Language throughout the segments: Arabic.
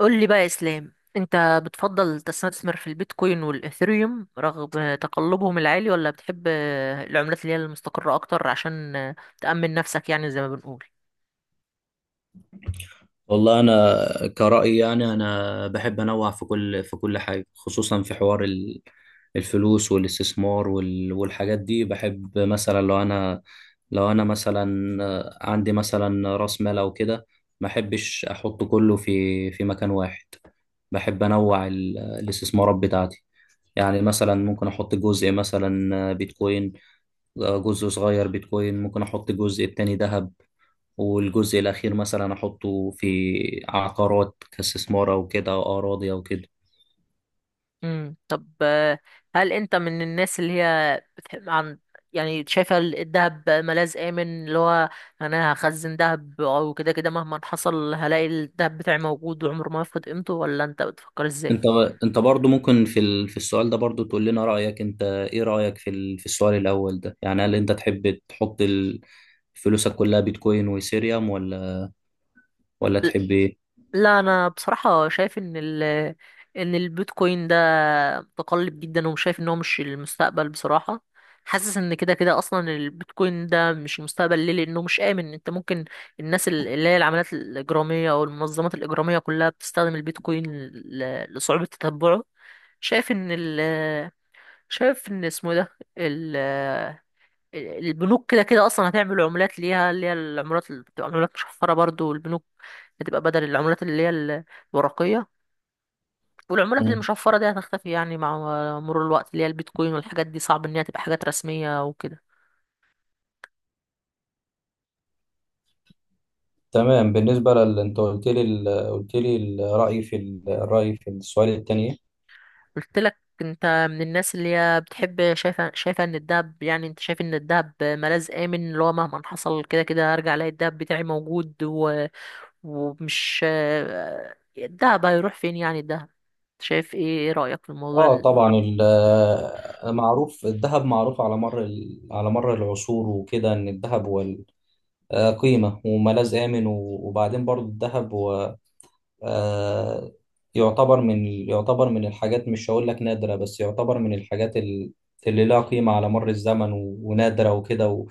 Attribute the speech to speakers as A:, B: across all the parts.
A: قول لي بقى يا اسلام، انت بتفضل تستثمر في البيتكوين والاثيريوم رغم تقلبهم العالي، ولا بتحب العملات اللي هي المستقرة اكتر عشان تأمن نفسك؟ يعني زي ما بنقول.
B: والله انا كرأيي يعني انا بحب انوع في كل حاجه، خصوصا في حوار الفلوس والاستثمار والحاجات دي. بحب مثلا لو انا مثلا عندي مثلا راس مال او كده، ما احبش احط كله في مكان واحد. بحب انوع الاستثمارات بتاعتي. يعني مثلا ممكن احط جزء مثلا بيتكوين، جزء صغير بيتكوين، ممكن احط الجزء التاني ذهب، والجزء الاخير مثلا احطه في عقارات كاستثمار او كده، او اراضي او كده.
A: طب هل انت من الناس اللي هي بتحب عن، يعني شايفة الدهب ملاذ آمن؟ اللي هو انا هخزن دهب او كده، كده مهما حصل هلاقي الدهب بتاعي موجود وعمره ما يفقد قيمته، ولا انت بتفكر ازاي؟
B: انت انت برضو ممكن في السؤال ده برضو تقول لنا رايك، انت ايه رايك في السؤال الاول ده؟ يعني هل انت تحب تحط فلوسك كلها بيتكوين وايثيريوم، ولا تحب ايه؟
A: لا انا بصراحه شايف ان ان البيتكوين ده متقلب جدا، ومش شايف ان هو مش المستقبل بصراحه. حاسس ان كده كده اصلا البيتكوين ده مش المستقبل. ليه؟ لانه مش امن. انت ممكن، الناس اللي هي العمليات الاجراميه او المنظمات الاجراميه كلها بتستخدم البيتكوين لصعوبه تتبعه. شايف ان ال شايف ان اسمه إيه ده، البنوك كده كده اصلا هتعمل عملات ليها اللي هي العملات اللي بتبقى عملات مشفره برضو، البنوك هتبقى بدل العملات اللي هي الورقيه، والعملات
B: مم.
A: المشفره دي هتختفي يعني مع مرور الوقت. اللي هي البيتكوين والحاجات دي صعب ان هي تبقى حاجات رسميه وكده.
B: تمام. بالنسبة انت قلت لي الرأي الرأي في السؤال الثاني.
A: قلت لك انت من الناس اللي هي بتحب، شايفه ان الدهب، يعني انت شايف ان الدهب ملاذ امن اللي هو مهما حصل كده كده هرجع الاقي الدهب بتاعي موجود ومش، الدهب هيروح فين؟ يعني الدهب شايف ايه؟ ايه رأيك في الموضوع؟
B: اه، طبعا معروف الذهب، معروف على مر العصور وكده، ان الذهب هو قيمة وملاذ آمن. وبعدين برضو الذهب هو آه، يعتبر من الحاجات، مش هقول لك نادرة، بس يعتبر من الحاجات اللي لها قيمة على مر الزمن، ونادرة وكده،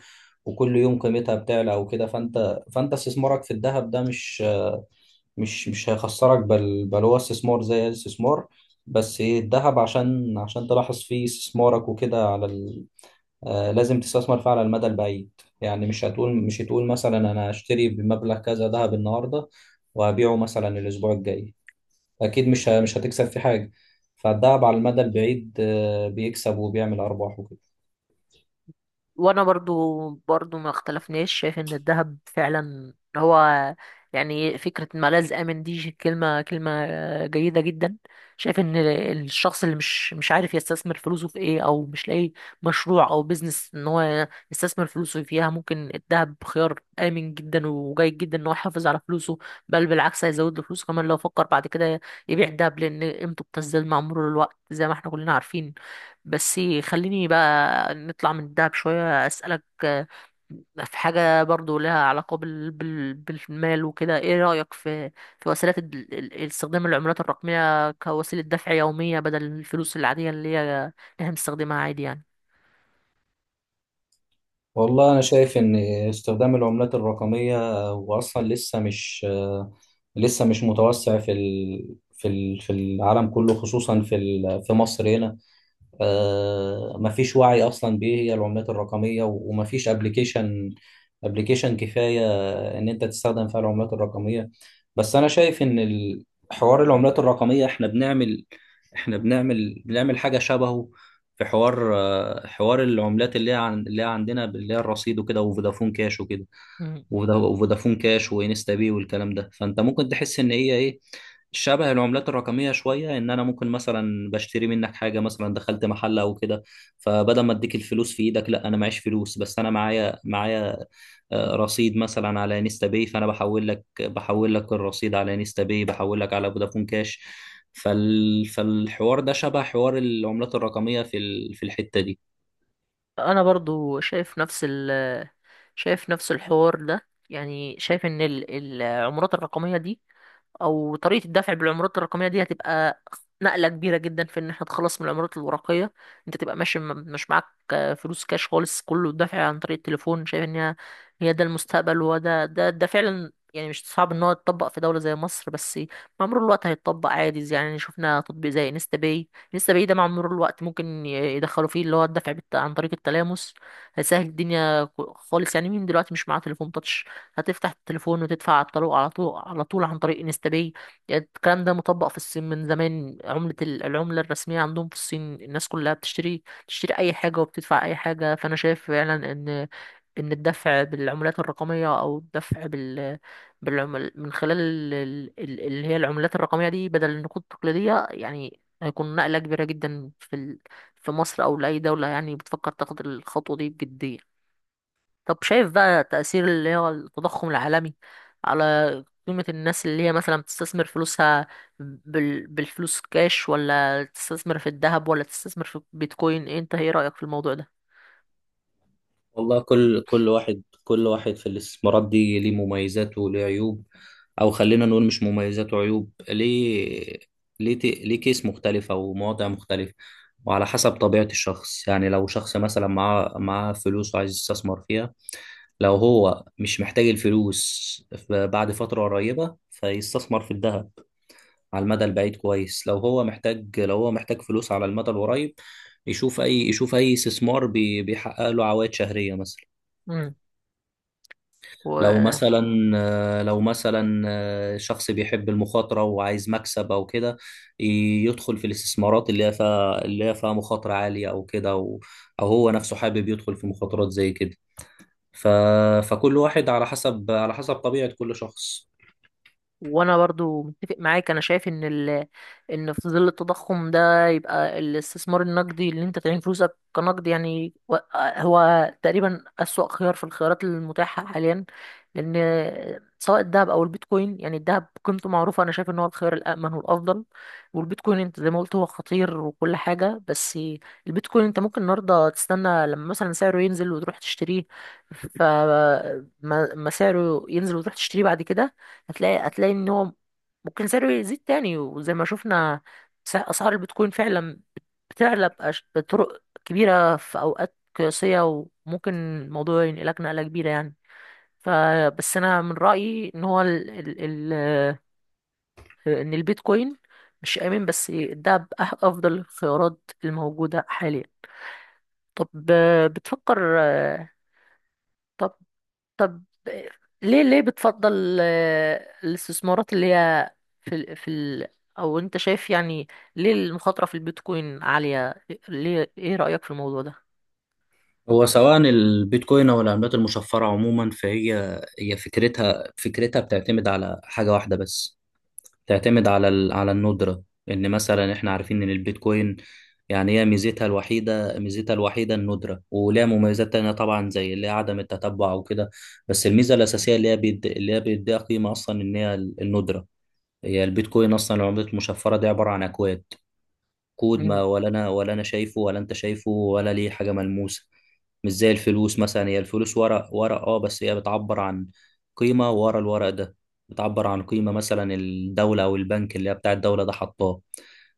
B: وكل يوم قيمتها بتعلى وكده. فانت استثمارك في الذهب ده مش هيخسرك، بل هو استثمار زي أي استثمار. بس ايه، الذهب، عشان تلاحظ فيه استثمارك وكده على ال... آه لازم تستثمر فيه على المدى البعيد. يعني مش هتقول مثلا انا هشتري بمبلغ كذا ذهب النهارده، وهبيعه مثلا الاسبوع الجاي، اكيد مش هتكسب في حاجه. فالذهب على المدى البعيد بيكسب وبيعمل ارباح.
A: وانا برضو ما اختلفناش، شايف ان الذهب فعلا هو، يعني فكرة ملاذ آمن دي كلمة جيدة جدا. شايف ان الشخص اللي مش عارف يستثمر فلوسه في ايه او مش لاقي مشروع او بيزنس ان هو يستثمر فلوسه فيها، ممكن الذهب خيار آمن جدا وجيد جدا ان هو يحافظ على فلوسه. بل بالعكس، هيزود له فلوسه كمان لو فكر بعد كده يبيع الذهب، لان قيمته بتزداد مع مرور الوقت زي ما احنا كلنا عارفين. بس خليني بقى نطلع من الدهب شوية، أسألك في حاجة برضو لها علاقة بالمال وكده. ايه رأيك في، في وسيلة استخدام العملات الرقمية كوسيلة دفع يومية بدل الفلوس العادية اللي هي اللي احنا بنستخدمها عادي يعني؟
B: والله أنا شايف إن استخدام العملات الرقمية، وأصلا لسه مش متوسع في العالم كله، خصوصا في مصر هنا. ما فيش وعي اصلا بايه هي العملات الرقميه، وما فيش ابلكيشن كفايه ان انت تستخدم فيها العملات الرقميه. بس انا شايف ان حوار العملات الرقميه، احنا بنعمل حاجه شبهه في حوار، حوار العملات اللي هي عندنا، اللي هي الرصيد وكده، وفودافون كاش وكده،
A: مم.
B: وفودافون كاش وانستا باي والكلام ده. فانت ممكن تحس ان هي ايه، شبه العملات الرقمية شوية، إن أنا ممكن مثلا بشتري منك حاجة، مثلا دخلت محل أو كده، فبدل ما أديك الفلوس في إيدك، لا، أنا معيش فلوس، بس أنا معايا رصيد مثلا على انستا باي، فأنا بحول لك الرصيد على انستا باي، بحول لك على فودافون كاش. فالحوار ده شبه حوار العملات الرقمية في الحتة دي.
A: انا برضو شايف نفس شايف نفس الحوار ده، يعني شايف ان العملات الرقمية دي او طريقه الدفع بالعملات الرقميه دي هتبقى نقله كبيره جدا في ان احنا نتخلص من العملات الورقيه. انت تبقى ماشي مش معاك فلوس كاش خالص، كله دفع عن طريق التليفون. شايف ان هي، هي ده المستقبل، وهو ده ده فعلا. يعني مش صعب ان هو يتطبق في دوله زي مصر، بس مع مرور الوقت هيتطبق عادي. يعني شفنا تطبيق زي انستا باي، انستا باي ده مع مرور الوقت ممكن يدخلوا فيه اللي هو الدفع عن طريق التلامس، هيسهل الدنيا خالص. يعني مين دلوقتي مش معاه تليفون تاتش؟ هتفتح التليفون وتدفع على طول، على طول على طول عن طريق انستا باي. يعني الكلام ده مطبق في الصين من زمان، عملة العملة الرسمية عندهم في الصين، الناس كلها بتشتري، تشتري أي حاجة وبتدفع أي حاجة. فأنا شايف فعلا ان الدفع بالعملات الرقميه او الدفع بالعمل من خلال اللي هي العملات الرقميه دي بدل النقود التقليديه، يعني هيكون نقله كبيره جدا في في مصر او لاي دوله يعني بتفكر تاخد الخطوه دي بجديه. طب شايف بقى تأثير اللي هو التضخم العالمي على قيمة الناس اللي هي مثلا بتستثمر فلوسها بالفلوس كاش، ولا تستثمر في الذهب، ولا تستثمر في بيتكوين إيه؟ انت ايه رأيك في الموضوع ده؟
B: والله كل واحد في الاستثمارات دي ليه مميزات وليه عيوب، او خلينا نقول مش مميزات وعيوب، ليه كيس مختلفة ومواضع مختلفة. وعلى حسب طبيعة الشخص. يعني لو شخص مثلا معاه فلوس وعايز يستثمر فيها، لو هو مش محتاج الفلوس بعد فترة قريبة، فيستثمر في الذهب على المدى البعيد، كويس. لو هو محتاج فلوس على المدى القريب، يشوف اي استثمار بيحقق له عوائد شهرية مثلا. لو
A: مم.
B: مثلا لو مثلا شخص بيحب المخاطرة وعايز مكسب أو كده، يدخل في الاستثمارات اللي هي فيها مخاطرة عالية أو كده، أو هو نفسه حابب يدخل في مخاطرات زي كده. ف... فكل واحد على حسب طبيعة كل شخص.
A: وانا برضو متفق معاك، انا شايف ان ان في ظل التضخم ده يبقى الاستثمار النقدي اللي انت تعين فلوسك كنقد يعني، هو تقريبا اسوأ خيار في الخيارات المتاحة حاليا. لان سواء الذهب او البيتكوين، يعني الذهب قيمته معروفة، انا شايف ان هو الخيار الامن والافضل. والبيتكوين انت زي ما قلت هو خطير وكل حاجة، بس البيتكوين انت ممكن النهارده تستنى لما مثلا سعره ينزل وتروح تشتريه. ما سعره ينزل وتروح تشتريه بعد كده، هتلاقي ان هو ممكن سعره يزيد تاني. وزي ما شفنا اسعار البيتكوين فعلا بتعلى بطرق كبيرة في اوقات قياسية، وممكن الموضوع ينقلك نقلة كبيرة يعني. فبس انا من رأيي ان هو ال ال ال ان البيتكوين مش آمن، بس ده افضل الخيارات الموجودة حاليا. طب بتفكر آه، طب طب ليه، ليه بتفضل الاستثمارات اللي هي في ال في ال او انت شايف يعني ليه المخاطرة في البيتكوين عالية؟ ليه؟ ايه رأيك في الموضوع
B: هو سواء البيتكوين أو العملات المشفرة عموما فهي فكرتها بتعتمد على حاجة واحدة بس، تعتمد على الندرة. ان مثلا احنا عارفين ان البيتكوين، يعني هي ميزتها الوحيدة الندرة، ولها مميزات تانية طبعا، زي اللي هي عدم التتبع وكده. بس الميزة الأساسية اللي هي بيديها قيمة أصلا، إن هي الندرة. هي البيتكوين أصلا، العملة المشفرة دي عبارة عن أكواد، كود ما،
A: ده؟
B: ولا انا شايفه، ولا انت شايفه، ولا ليه حاجه ملموسه. مش زي الفلوس مثلا، هي الفلوس ورق ورق، اه، بس هي بتعبر عن قيمه ورا الورق ده، بتعبر عن قيمه مثلا الدوله او البنك اللي هي بتاع الدوله ده حطاه.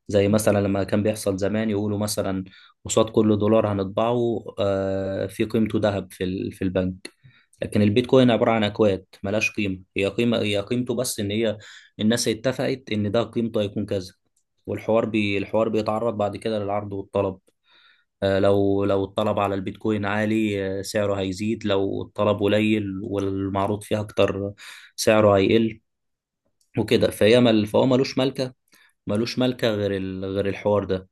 B: زي مثلا لما كان بيحصل زمان يقولوا مثلا قصاد كل دولار هنطبعه في قيمته ذهب في البنك. لكن البيتكوين عبارة عن أكواد ملهاش قيمة، هي قيمته بس، إن هي الناس اتفقت إن ده قيمته هيكون كذا. والحوار بي الحوار بيتعرض بعد كده للعرض والطلب. لو الطلب على البيتكوين عالي، سعره هيزيد، لو الطلب قليل والمعروض فيها اكتر سعره هيقل وكده. فهي مل فهو ملوش ملكة غير الحوار ده.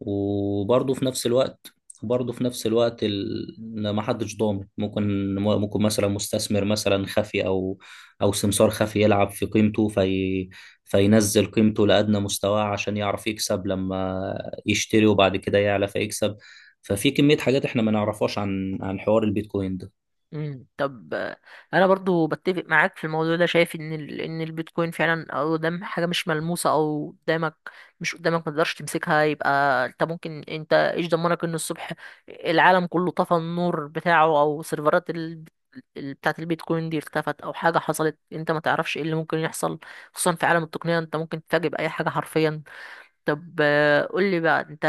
B: وبرضه في نفس الوقت إن ما حدش ضامن، ممكن مثلا مستثمر مثلا خفي، او سمسار خفي يلعب في قيمته فينزل قيمته لأدنى مستواه عشان يعرف يكسب لما يشتري، وبعد كده يعلى فيكسب. ففي كمية حاجات احنا ما نعرفهاش عن حوار البيتكوين ده.
A: مم. طب انا برضو بتفق معاك في الموضوع ده. شايف ان ان البيتكوين فعلا او قدام حاجه مش ملموسه، او قدامك، مش قدامك، ما تقدرش تمسكها، يبقى انت ممكن، انت ايش ضمنك ان الصبح العالم كله طفى النور بتاعه او سيرفرات بتاعه البيتكوين دي اختفت او حاجه حصلت؟ انت ما تعرفش ايه اللي ممكن يحصل، خصوصا في عالم التقنيه انت ممكن تتفاجئ باي حاجه حرفيا. طب قول لي بقى، انت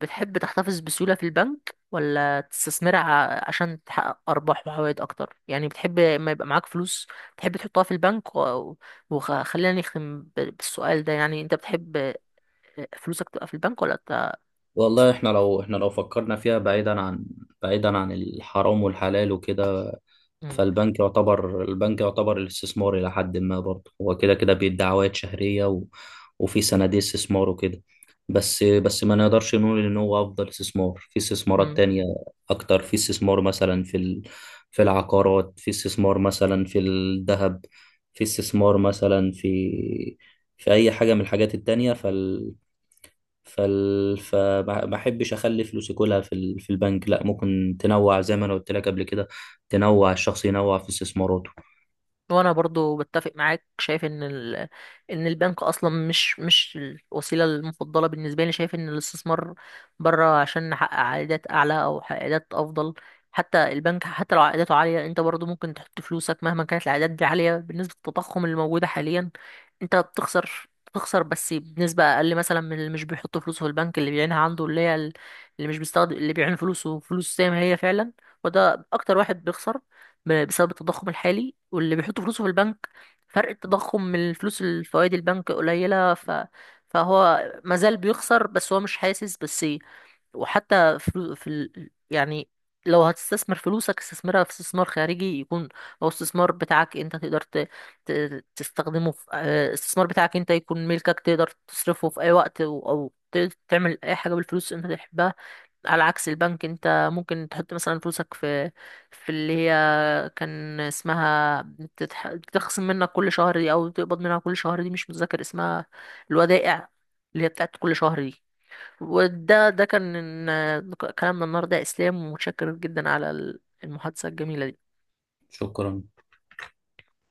A: بتحب تحتفظ بسيولة في البنك، ولا تستثمرها عشان تحقق أرباح وعوائد أكتر؟ يعني بتحب ما يبقى معاك فلوس تحب تحطها في البنك؟ وخلينا نختم بالسؤال ده، يعني أنت بتحب فلوسك تبقى في البنك ولا
B: والله احنا لو فكرنا فيها بعيدا عن الحرام والحلال وكده،
A: ت...
B: فالبنك يعتبر البنك يعتبر الاستثمار إلى حد ما، برضه هو كده كده بيدي عوائد شهرية، وفي صناديق استثمار وكده. بس ما نقدرش نقول إن هو أفضل استثمار، في استثمارات تانية أكتر، في استثمار مثلا في العقارات، في استثمار مثلا في الذهب، في استثمار مثلا في أي حاجة من الحاجات التانية. فال... فال... فما ما احبش اخلي فلوسي كلها في البنك، لا، ممكن تنوع زي ما انا قلت لك قبل كده، تنوع، الشخص ينوع في استثماراته.
A: وانا برضو بتفق معاك، شايف ان ان البنك اصلا مش الوسيله المفضله بالنسبه لي. شايف ان الاستثمار بره عشان نحقق عائدات اعلى او عائدات افضل. حتى البنك، حتى لو عائداته عاليه، انت برضو ممكن تحط فلوسك مهما كانت العائدات دي عاليه، بالنسبه للتضخم اللي موجوده حاليا انت بتخسر. بتخسر بنسبة أقل مثلا من اللي مش بيحط فلوسه في البنك، اللي بيعينها عنده، اللي هي اللي مش بيستخدم، اللي بيعين فلوسه فلوس زي ما هي فعلا، وده أكتر واحد بيخسر بسبب التضخم الحالي. واللي بيحط فلوسه في البنك، فرق التضخم من الفلوس الفوائد البنك قليلة، فهو مازال بيخسر بس هو مش حاسس بس. وحتى يعني لو هتستثمر فلوسك استثمرها في استثمار خارجي يكون، او استثمار بتاعك انت تقدر ت... تستخدمه في استثمار بتاعك انت يكون ملكك، تقدر تصرفه في اي وقت أو تعمل اي حاجة بالفلوس انت تحبها. على عكس البنك، انت ممكن تحط مثلا فلوسك في، في اللي هي كان اسمها بتخصم منك كل شهر دي، او بتقبض منها كل شهر دي، مش متذكر اسمها، الودائع، اللي هي بتاعت كل شهر دي. وده كان كلامنا النهارده يا اسلام، ومتشكر جدا على المحادثة الجميلة دي.
B: شكرا.